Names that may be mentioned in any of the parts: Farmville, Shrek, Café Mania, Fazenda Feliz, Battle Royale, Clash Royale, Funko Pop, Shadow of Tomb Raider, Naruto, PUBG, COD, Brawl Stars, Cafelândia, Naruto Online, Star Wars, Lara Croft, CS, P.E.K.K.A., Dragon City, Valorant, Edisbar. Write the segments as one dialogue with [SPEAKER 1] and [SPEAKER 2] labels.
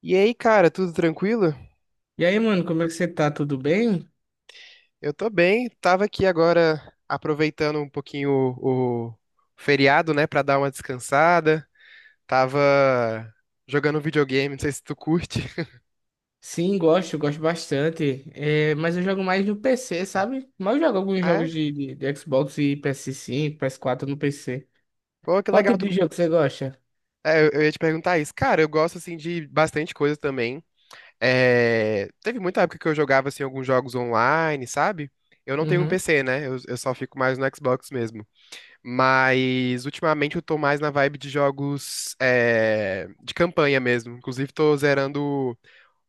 [SPEAKER 1] E aí, cara, tudo tranquilo?
[SPEAKER 2] E aí, mano, como é que você tá? Tudo bem?
[SPEAKER 1] Eu tô bem, tava aqui agora aproveitando um pouquinho o feriado, né, pra dar uma descansada. Tava jogando videogame, não sei se tu curte.
[SPEAKER 2] Sim, gosto bastante. É, mas eu jogo mais no PC, sabe? Mas eu jogo alguns
[SPEAKER 1] Ah, é?
[SPEAKER 2] jogos de Xbox e PS5, PS4 no PC.
[SPEAKER 1] Pô, que
[SPEAKER 2] Qual
[SPEAKER 1] legal.
[SPEAKER 2] tipo de jogo você gosta?
[SPEAKER 1] Eu ia te perguntar isso. Cara, eu gosto, assim, de bastante coisa também. Teve muita época que eu jogava, assim, alguns jogos online, sabe? Eu não tenho um
[SPEAKER 2] Uhum.
[SPEAKER 1] PC, né? Eu só fico mais no Xbox mesmo. Mas ultimamente eu tô mais na vibe de jogos de campanha mesmo. Inclusive tô zerando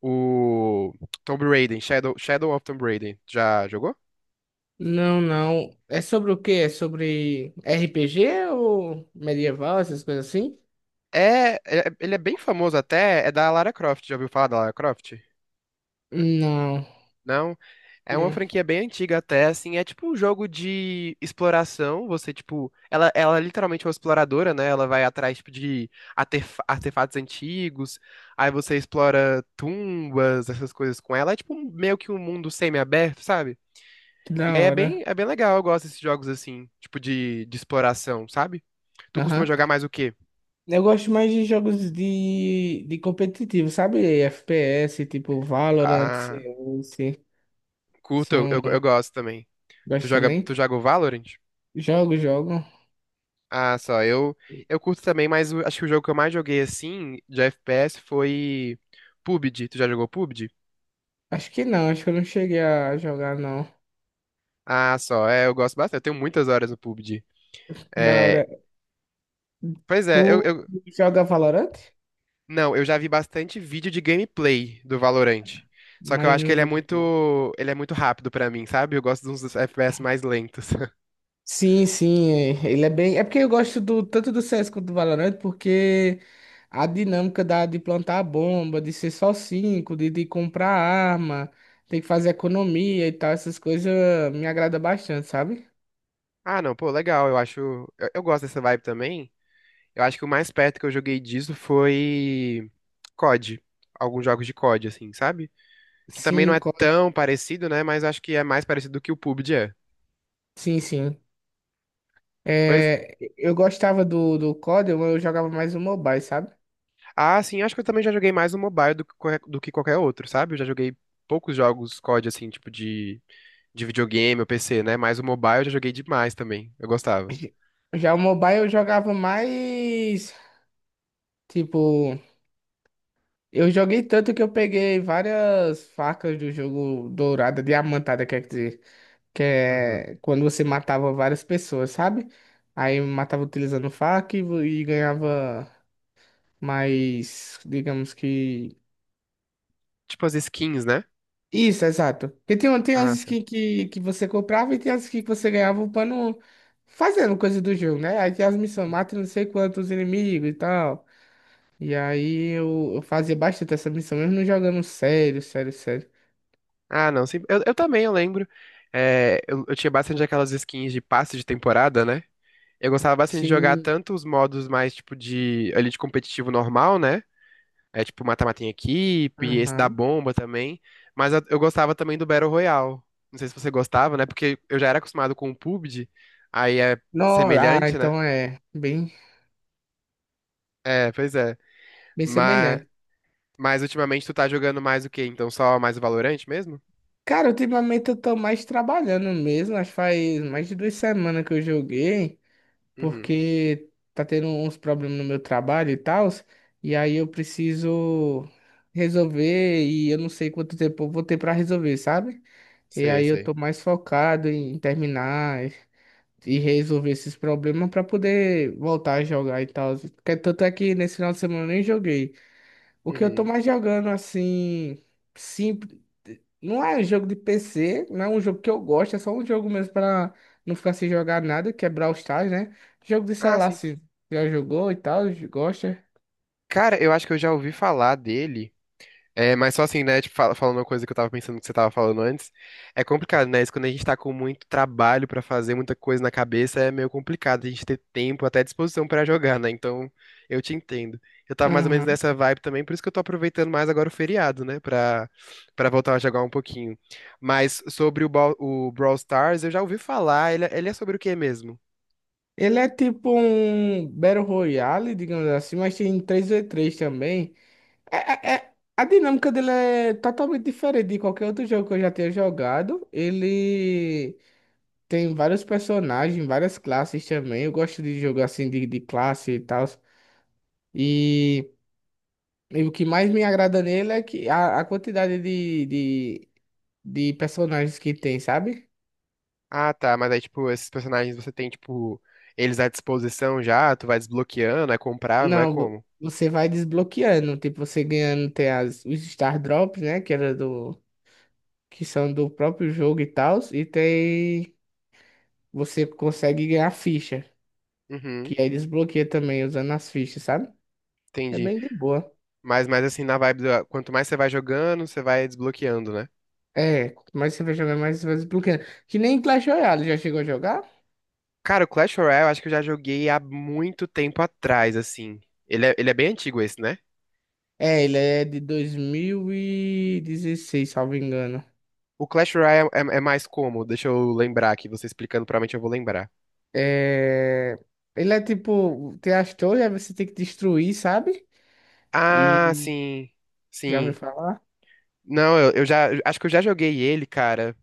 [SPEAKER 1] o Tomb Raider, Shadow of Tomb Raider. Já jogou?
[SPEAKER 2] Não, não. É sobre o quê? É sobre RPG ou medieval, essas coisas assim?
[SPEAKER 1] Ele é bem famoso até, é da Lara Croft. Já ouviu falar da Lara Croft?
[SPEAKER 2] Não.
[SPEAKER 1] Não, é uma
[SPEAKER 2] Hum.
[SPEAKER 1] franquia bem antiga até, assim, é tipo um jogo de exploração, você, tipo, ela é literalmente é uma exploradora, né, ela vai atrás, tipo, de artefatos antigos, aí você explora tumbas, essas coisas com ela, é tipo meio que um mundo semi-aberto, sabe?
[SPEAKER 2] Que da
[SPEAKER 1] E aí é
[SPEAKER 2] hora.
[SPEAKER 1] é bem legal, eu gosto desses jogos, assim, tipo, de exploração, sabe? Tu costuma
[SPEAKER 2] Aham.
[SPEAKER 1] jogar mais o quê?
[SPEAKER 2] Eu gosto mais de jogos de competitivo, sabe? FPS, tipo Valorant,
[SPEAKER 1] Ah,
[SPEAKER 2] CS.
[SPEAKER 1] curto,
[SPEAKER 2] São.
[SPEAKER 1] eu gosto também.
[SPEAKER 2] Gosto
[SPEAKER 1] Tu
[SPEAKER 2] também?
[SPEAKER 1] joga o Valorant?
[SPEAKER 2] Jogo, jogo.
[SPEAKER 1] Ah, só, eu curto também, mas acho que o jogo que eu mais joguei assim de FPS foi PUBG. Tu já jogou PUBG?
[SPEAKER 2] Acho que não, acho que eu não cheguei a jogar, não.
[SPEAKER 1] Ah, só, é, eu gosto bastante. Eu tenho muitas horas no PUBG.
[SPEAKER 2] Da
[SPEAKER 1] É,
[SPEAKER 2] hora.
[SPEAKER 1] pois
[SPEAKER 2] Tu
[SPEAKER 1] é, eu
[SPEAKER 2] joga Valorant?
[SPEAKER 1] não, eu já vi bastante vídeo de gameplay do Valorant. Só que eu
[SPEAKER 2] Mas
[SPEAKER 1] acho que
[SPEAKER 2] não jogo, não.
[SPEAKER 1] ele é muito rápido pra mim, sabe? Eu gosto de uns FPS mais lentos.
[SPEAKER 2] Sim, sim, ele é bem. É porque eu gosto do, tanto do CS quanto do Valorant, porque a dinâmica da, de plantar a bomba, de ser só cinco, de comprar arma, tem que fazer economia e tal, essas coisas me agrada bastante, sabe?
[SPEAKER 1] Ah, não, pô, legal. Eu acho. Eu gosto dessa vibe também. Eu acho que o mais perto que eu joguei disso foi COD. Alguns jogos de COD, assim, sabe? Que também não
[SPEAKER 2] Sim,
[SPEAKER 1] é
[SPEAKER 2] COD.
[SPEAKER 1] tão parecido, né? Mas acho que é mais parecido do que o PUBG é.
[SPEAKER 2] Sim, sim.
[SPEAKER 1] Pois.
[SPEAKER 2] É, eu gostava do COD, eu jogava mais o mobile, sabe?
[SPEAKER 1] Ah, sim, acho que eu também já joguei mais no mobile do que, do que qualquer outro, sabe? Eu já joguei poucos jogos COD, assim, tipo de videogame ou PC, né? Mas o mobile eu já joguei demais também. Eu gostava.
[SPEAKER 2] J- Já o mobile eu jogava mais. Tipo, eu joguei tanto que eu peguei várias facas do jogo dourada, diamantada, quer dizer, que
[SPEAKER 1] Uhum.
[SPEAKER 2] é quando você matava várias pessoas, sabe? Aí matava utilizando faca e, e ganhava mais, digamos que.
[SPEAKER 1] Tipo as skins, né?
[SPEAKER 2] Isso, exato. Porque tem, tem as
[SPEAKER 1] Ah, sim.
[SPEAKER 2] skins que você comprava e tem as skins que você ganhava upando, fazendo coisa do jogo, né? Aí tem as missões, mata não sei quantos inimigos e tal. E aí eu fazia bastante essa missão, mesmo não jogando sério, sério, sério.
[SPEAKER 1] Ah, não, sim. Eu também, eu lembro. É, eu tinha bastante aquelas skins de passe de temporada, né? Eu gostava bastante de jogar
[SPEAKER 2] Sim.
[SPEAKER 1] tanto os modos mais, tipo, ali de competitivo normal, né? É tipo mata-mata em equipe, esse da
[SPEAKER 2] Aham.
[SPEAKER 1] bomba também. Mas eu gostava também do Battle Royale. Não sei se você gostava, né? Porque eu já era acostumado com o PUBG, aí é
[SPEAKER 2] Não, ah,
[SPEAKER 1] semelhante, né?
[SPEAKER 2] então é bem,
[SPEAKER 1] É, pois é.
[SPEAKER 2] bem
[SPEAKER 1] Mas,
[SPEAKER 2] semelhante.
[SPEAKER 1] mas ultimamente tu tá jogando mais o quê? Então só mais o Valorante mesmo?
[SPEAKER 2] Cara, ultimamente eu tô mais trabalhando mesmo, acho que faz mais de 2 semanas que eu joguei,
[SPEAKER 1] Uhum.
[SPEAKER 2] porque tá tendo uns problemas no meu trabalho e tal, e aí eu preciso resolver e eu não sei quanto tempo eu vou ter pra resolver, sabe? E
[SPEAKER 1] Sei,
[SPEAKER 2] aí eu
[SPEAKER 1] sei.
[SPEAKER 2] tô mais focado em terminar e resolver esses problemas pra poder voltar a jogar e tal. Porque tanto é que nesse final de semana eu nem joguei. O que eu tô
[SPEAKER 1] Uhum.
[SPEAKER 2] mais jogando assim, simples, não é um jogo de PC, não é um jogo que eu gosto, é só um jogo mesmo pra não ficar sem jogar nada, que é Brawl Stars, né? Jogo de
[SPEAKER 1] Ah,
[SPEAKER 2] celular,
[SPEAKER 1] sim.
[SPEAKER 2] se já jogou e tal, gosta.
[SPEAKER 1] Cara, eu acho que eu já ouvi falar dele. É, mas só assim, né? Tipo, falando uma coisa que eu tava pensando que você tava falando antes, é complicado, né? Isso quando a gente tá com muito trabalho pra fazer, muita coisa na cabeça, é meio complicado a gente ter tempo, até disposição pra jogar, né? Então, eu te entendo. Eu tava mais ou menos
[SPEAKER 2] Aham.
[SPEAKER 1] nessa vibe também, por isso que eu tô aproveitando mais agora o feriado, né? Pra voltar a jogar um pouquinho. Mas sobre o Brawl Stars, eu já ouvi falar, ele é sobre o quê mesmo?
[SPEAKER 2] Ele é tipo um Battle Royale, digamos assim, mas tem 3v3 também. É- a dinâmica dele é totalmente diferente de qualquer outro jogo que eu já tenha jogado. Ele tem vários personagens, várias classes também. Eu gosto de jogo assim de classe e tal. E, e o que mais me agrada nele é que a quantidade de personagens que tem, sabe?
[SPEAKER 1] Ah, tá, mas aí, tipo, esses personagens você tem, tipo, eles à disposição já, tu vai desbloqueando, é comprável, é
[SPEAKER 2] Não,
[SPEAKER 1] como?
[SPEAKER 2] você vai desbloqueando. Tipo, você ganhando tem os Star Drops, né? Que era que são do próprio jogo e tal. E tem. Você consegue ganhar ficha.
[SPEAKER 1] Uhum.
[SPEAKER 2] Que aí desbloqueia também usando as fichas, sabe? É
[SPEAKER 1] Entendi.
[SPEAKER 2] bem de boa.
[SPEAKER 1] Mas assim, na vibe do, quanto mais você vai jogando, você vai desbloqueando, né?
[SPEAKER 2] É, quanto mais você vai jogar, mais você vai desbloqueando. Que nem Clash Royale, já chegou a jogar?
[SPEAKER 1] Cara, o Clash Royale eu acho que eu já joguei há muito tempo atrás, assim. Ele é bem antigo esse, né?
[SPEAKER 2] É, ele é de 2016, salvo engano.
[SPEAKER 1] O Clash Royale é mais como? Deixa eu lembrar aqui, você explicando, provavelmente eu vou lembrar.
[SPEAKER 2] É... Ele é tipo, tem as torres, aí você tem que destruir, sabe?
[SPEAKER 1] Ah,
[SPEAKER 2] E
[SPEAKER 1] sim.
[SPEAKER 2] já ouviu
[SPEAKER 1] Sim.
[SPEAKER 2] falar?
[SPEAKER 1] Não, eu já. Acho que eu já joguei ele, cara,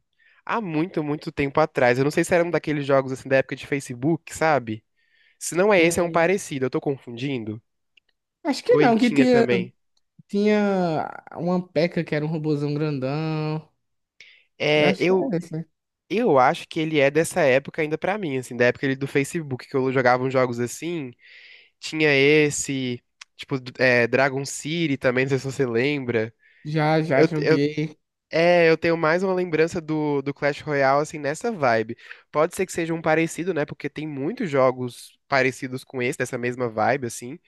[SPEAKER 1] há muito, muito tempo atrás. Eu não sei se era um daqueles jogos assim da época de Facebook, sabe? Se não é esse, é um
[SPEAKER 2] Hum,
[SPEAKER 1] parecido. Eu tô confundindo?
[SPEAKER 2] Acho que
[SPEAKER 1] Ou ele
[SPEAKER 2] não, que
[SPEAKER 1] tinha
[SPEAKER 2] tinha,
[SPEAKER 1] também?
[SPEAKER 2] tinha uma P.E.K.K.A. que era um robozão grandão. Eu
[SPEAKER 1] É,
[SPEAKER 2] acho que é
[SPEAKER 1] eu,
[SPEAKER 2] esse, né?
[SPEAKER 1] Eu acho que ele é dessa época ainda pra mim, assim, da época ele do Facebook, que eu jogava uns jogos assim, tinha esse, tipo, Dragon City também, não sei se você lembra.
[SPEAKER 2] Já, já
[SPEAKER 1] Eu, eu,
[SPEAKER 2] joguei.
[SPEAKER 1] eu tenho mais uma lembrança do Clash Royale, assim, nessa vibe. Pode ser que seja um parecido, né, porque tem muitos jogos parecidos com esse, dessa mesma vibe, assim,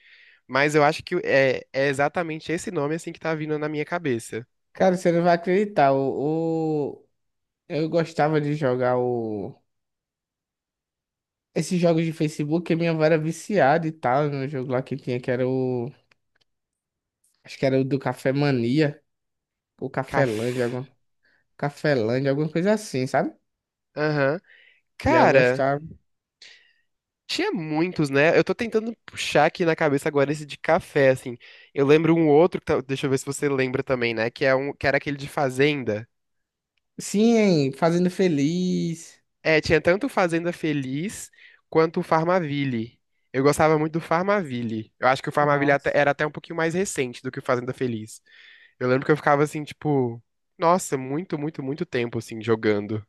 [SPEAKER 1] mas eu acho que é exatamente esse nome, assim, que tá vindo na minha cabeça.
[SPEAKER 2] Cara, você não vai acreditar. Eu gostava de jogar o... Esses jogos de Facebook, que minha avó era viciada e tal, no jogo lá que tinha, que era o... Acho que era o do Café Mania, ou
[SPEAKER 1] Caf...
[SPEAKER 2] Cafelândia, alguma coisa assim, sabe?
[SPEAKER 1] Aham.
[SPEAKER 2] E aí eu
[SPEAKER 1] Cara.
[SPEAKER 2] gostava.
[SPEAKER 1] Tinha muitos, né? Eu tô tentando puxar aqui na cabeça agora esse de café, assim. Eu lembro um outro, que deixa eu ver se você lembra também, né? Que, é um, que era aquele de Fazenda.
[SPEAKER 2] Sim, hein? Fazendo Feliz.
[SPEAKER 1] É, tinha tanto Fazenda Feliz quanto o Farmaville. Eu gostava muito do Farmaville. Eu acho que o Farmaville
[SPEAKER 2] Nossa.
[SPEAKER 1] era até um pouquinho mais recente do que o Fazenda Feliz. Eu lembro que eu ficava assim, tipo, nossa, muito, muito, muito tempo, assim, jogando.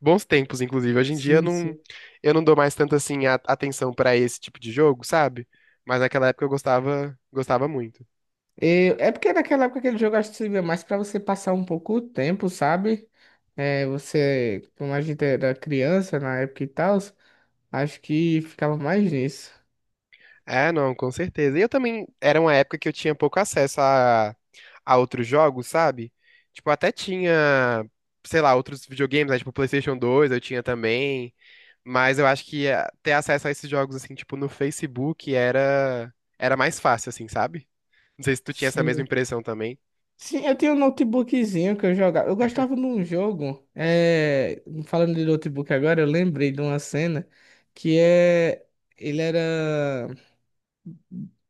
[SPEAKER 1] Bons tempos, inclusive. Hoje em dia
[SPEAKER 2] Sim, sim.
[SPEAKER 1] eu não dou mais tanto assim atenção pra esse tipo de jogo, sabe? Mas naquela época eu gostava, gostava muito.
[SPEAKER 2] É porque naquela época aquele jogo eu acho que servia mais pra você passar um pouco o tempo, sabe? É, você, como a gente era criança na época e tal, acho que ficava mais nisso.
[SPEAKER 1] É, não, com certeza. E eu também era uma época que eu tinha pouco acesso a outros jogos, sabe? Tipo, eu até tinha, sei lá, outros videogames, né? Tipo, PlayStation 2 eu tinha também. Mas eu acho que ter acesso a esses jogos assim, tipo, no Facebook era mais fácil assim, sabe? Não sei se tu tinha essa mesma
[SPEAKER 2] Sim.
[SPEAKER 1] impressão também.
[SPEAKER 2] Sim, eu tinha um notebookzinho que eu jogava. Eu gostava de um jogo. Falando de notebook agora, eu lembrei de uma cena que é. Ele era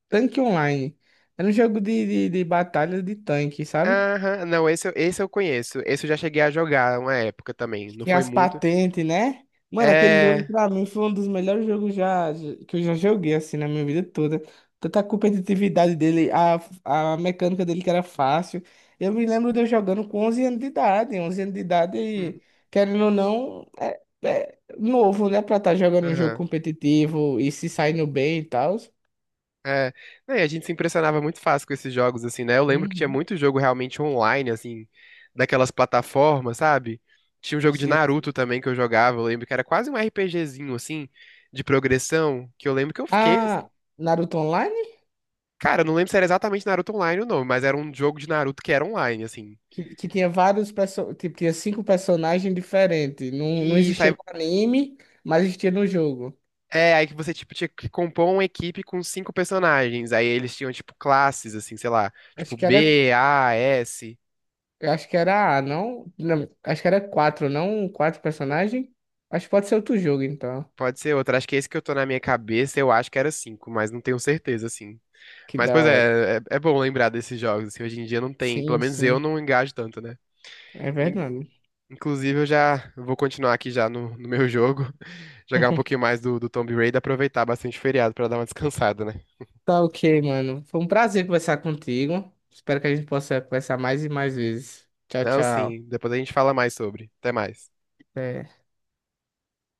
[SPEAKER 2] Tanque Online. Era um jogo de batalha de tanque, sabe?
[SPEAKER 1] Aham, não, esse, esse eu conheço. Esse eu já cheguei a jogar uma época também. Não
[SPEAKER 2] Tinha
[SPEAKER 1] foi
[SPEAKER 2] as
[SPEAKER 1] muito.
[SPEAKER 2] patentes, né? Mano, aquele jogo
[SPEAKER 1] É.
[SPEAKER 2] pra mim foi um dos melhores jogos já, que eu já joguei, assim, na minha vida toda. Tanta competitividade dele, a mecânica dele que era fácil. Eu me lembro de eu jogando com 11 anos de idade. 11 anos de
[SPEAKER 1] Hum.
[SPEAKER 2] idade, querendo ou não, é novo, né? Pra estar jogando um jogo
[SPEAKER 1] Aham.
[SPEAKER 2] competitivo e se saindo bem e tal.
[SPEAKER 1] É. Não, e a gente se impressionava muito fácil com esses jogos, assim, né? Eu lembro que tinha
[SPEAKER 2] Uhum.
[SPEAKER 1] muito jogo realmente online, assim, daquelas plataformas, sabe? Tinha um jogo de
[SPEAKER 2] Sim.
[SPEAKER 1] Naruto também que eu jogava, eu lembro que era quase um RPGzinho, assim, de progressão, que eu lembro que eu fiquei, assim.
[SPEAKER 2] Ah, Naruto.
[SPEAKER 1] Cara, eu não lembro se era exatamente Naruto Online ou não, mas era um jogo de Naruto que era online, assim.
[SPEAKER 2] Que tinha vários perso... tipo, tinha cinco personagens diferentes. Não, não
[SPEAKER 1] E
[SPEAKER 2] existia
[SPEAKER 1] saiu
[SPEAKER 2] no anime, mas existia no jogo.
[SPEAKER 1] É, aí que você, tipo, tinha que compor uma equipe com cinco personagens. Aí eles tinham, tipo, classes, assim, sei lá. Tipo,
[SPEAKER 2] Acho que era,
[SPEAKER 1] B, A, S.
[SPEAKER 2] acho que era A, não? Não, acho que era quatro, não? Quatro personagens? Acho que pode ser outro jogo, então.
[SPEAKER 1] Pode ser outra. Acho que é esse que eu tô na minha cabeça, eu acho que era cinco, mas não tenho certeza, assim.
[SPEAKER 2] Que
[SPEAKER 1] Mas,
[SPEAKER 2] da
[SPEAKER 1] pois
[SPEAKER 2] hora.
[SPEAKER 1] é, é bom lembrar desses jogos, assim. Hoje em dia não tem. Pelo
[SPEAKER 2] Sim,
[SPEAKER 1] menos eu
[SPEAKER 2] sim.
[SPEAKER 1] não engajo tanto, né?
[SPEAKER 2] É
[SPEAKER 1] In-
[SPEAKER 2] verdade.
[SPEAKER 1] Inclusive, eu já vou continuar aqui já no meu jogo. Jogar um pouquinho mais do Tomb Raider, aproveitar bastante o feriado pra dar uma descansada, né?
[SPEAKER 2] Tá ok, mano. Foi um prazer conversar contigo. Espero que a gente possa conversar mais e mais vezes. Tchau,
[SPEAKER 1] Não,
[SPEAKER 2] tchau.
[SPEAKER 1] sim. Depois a gente fala mais sobre. Até mais.
[SPEAKER 2] Até.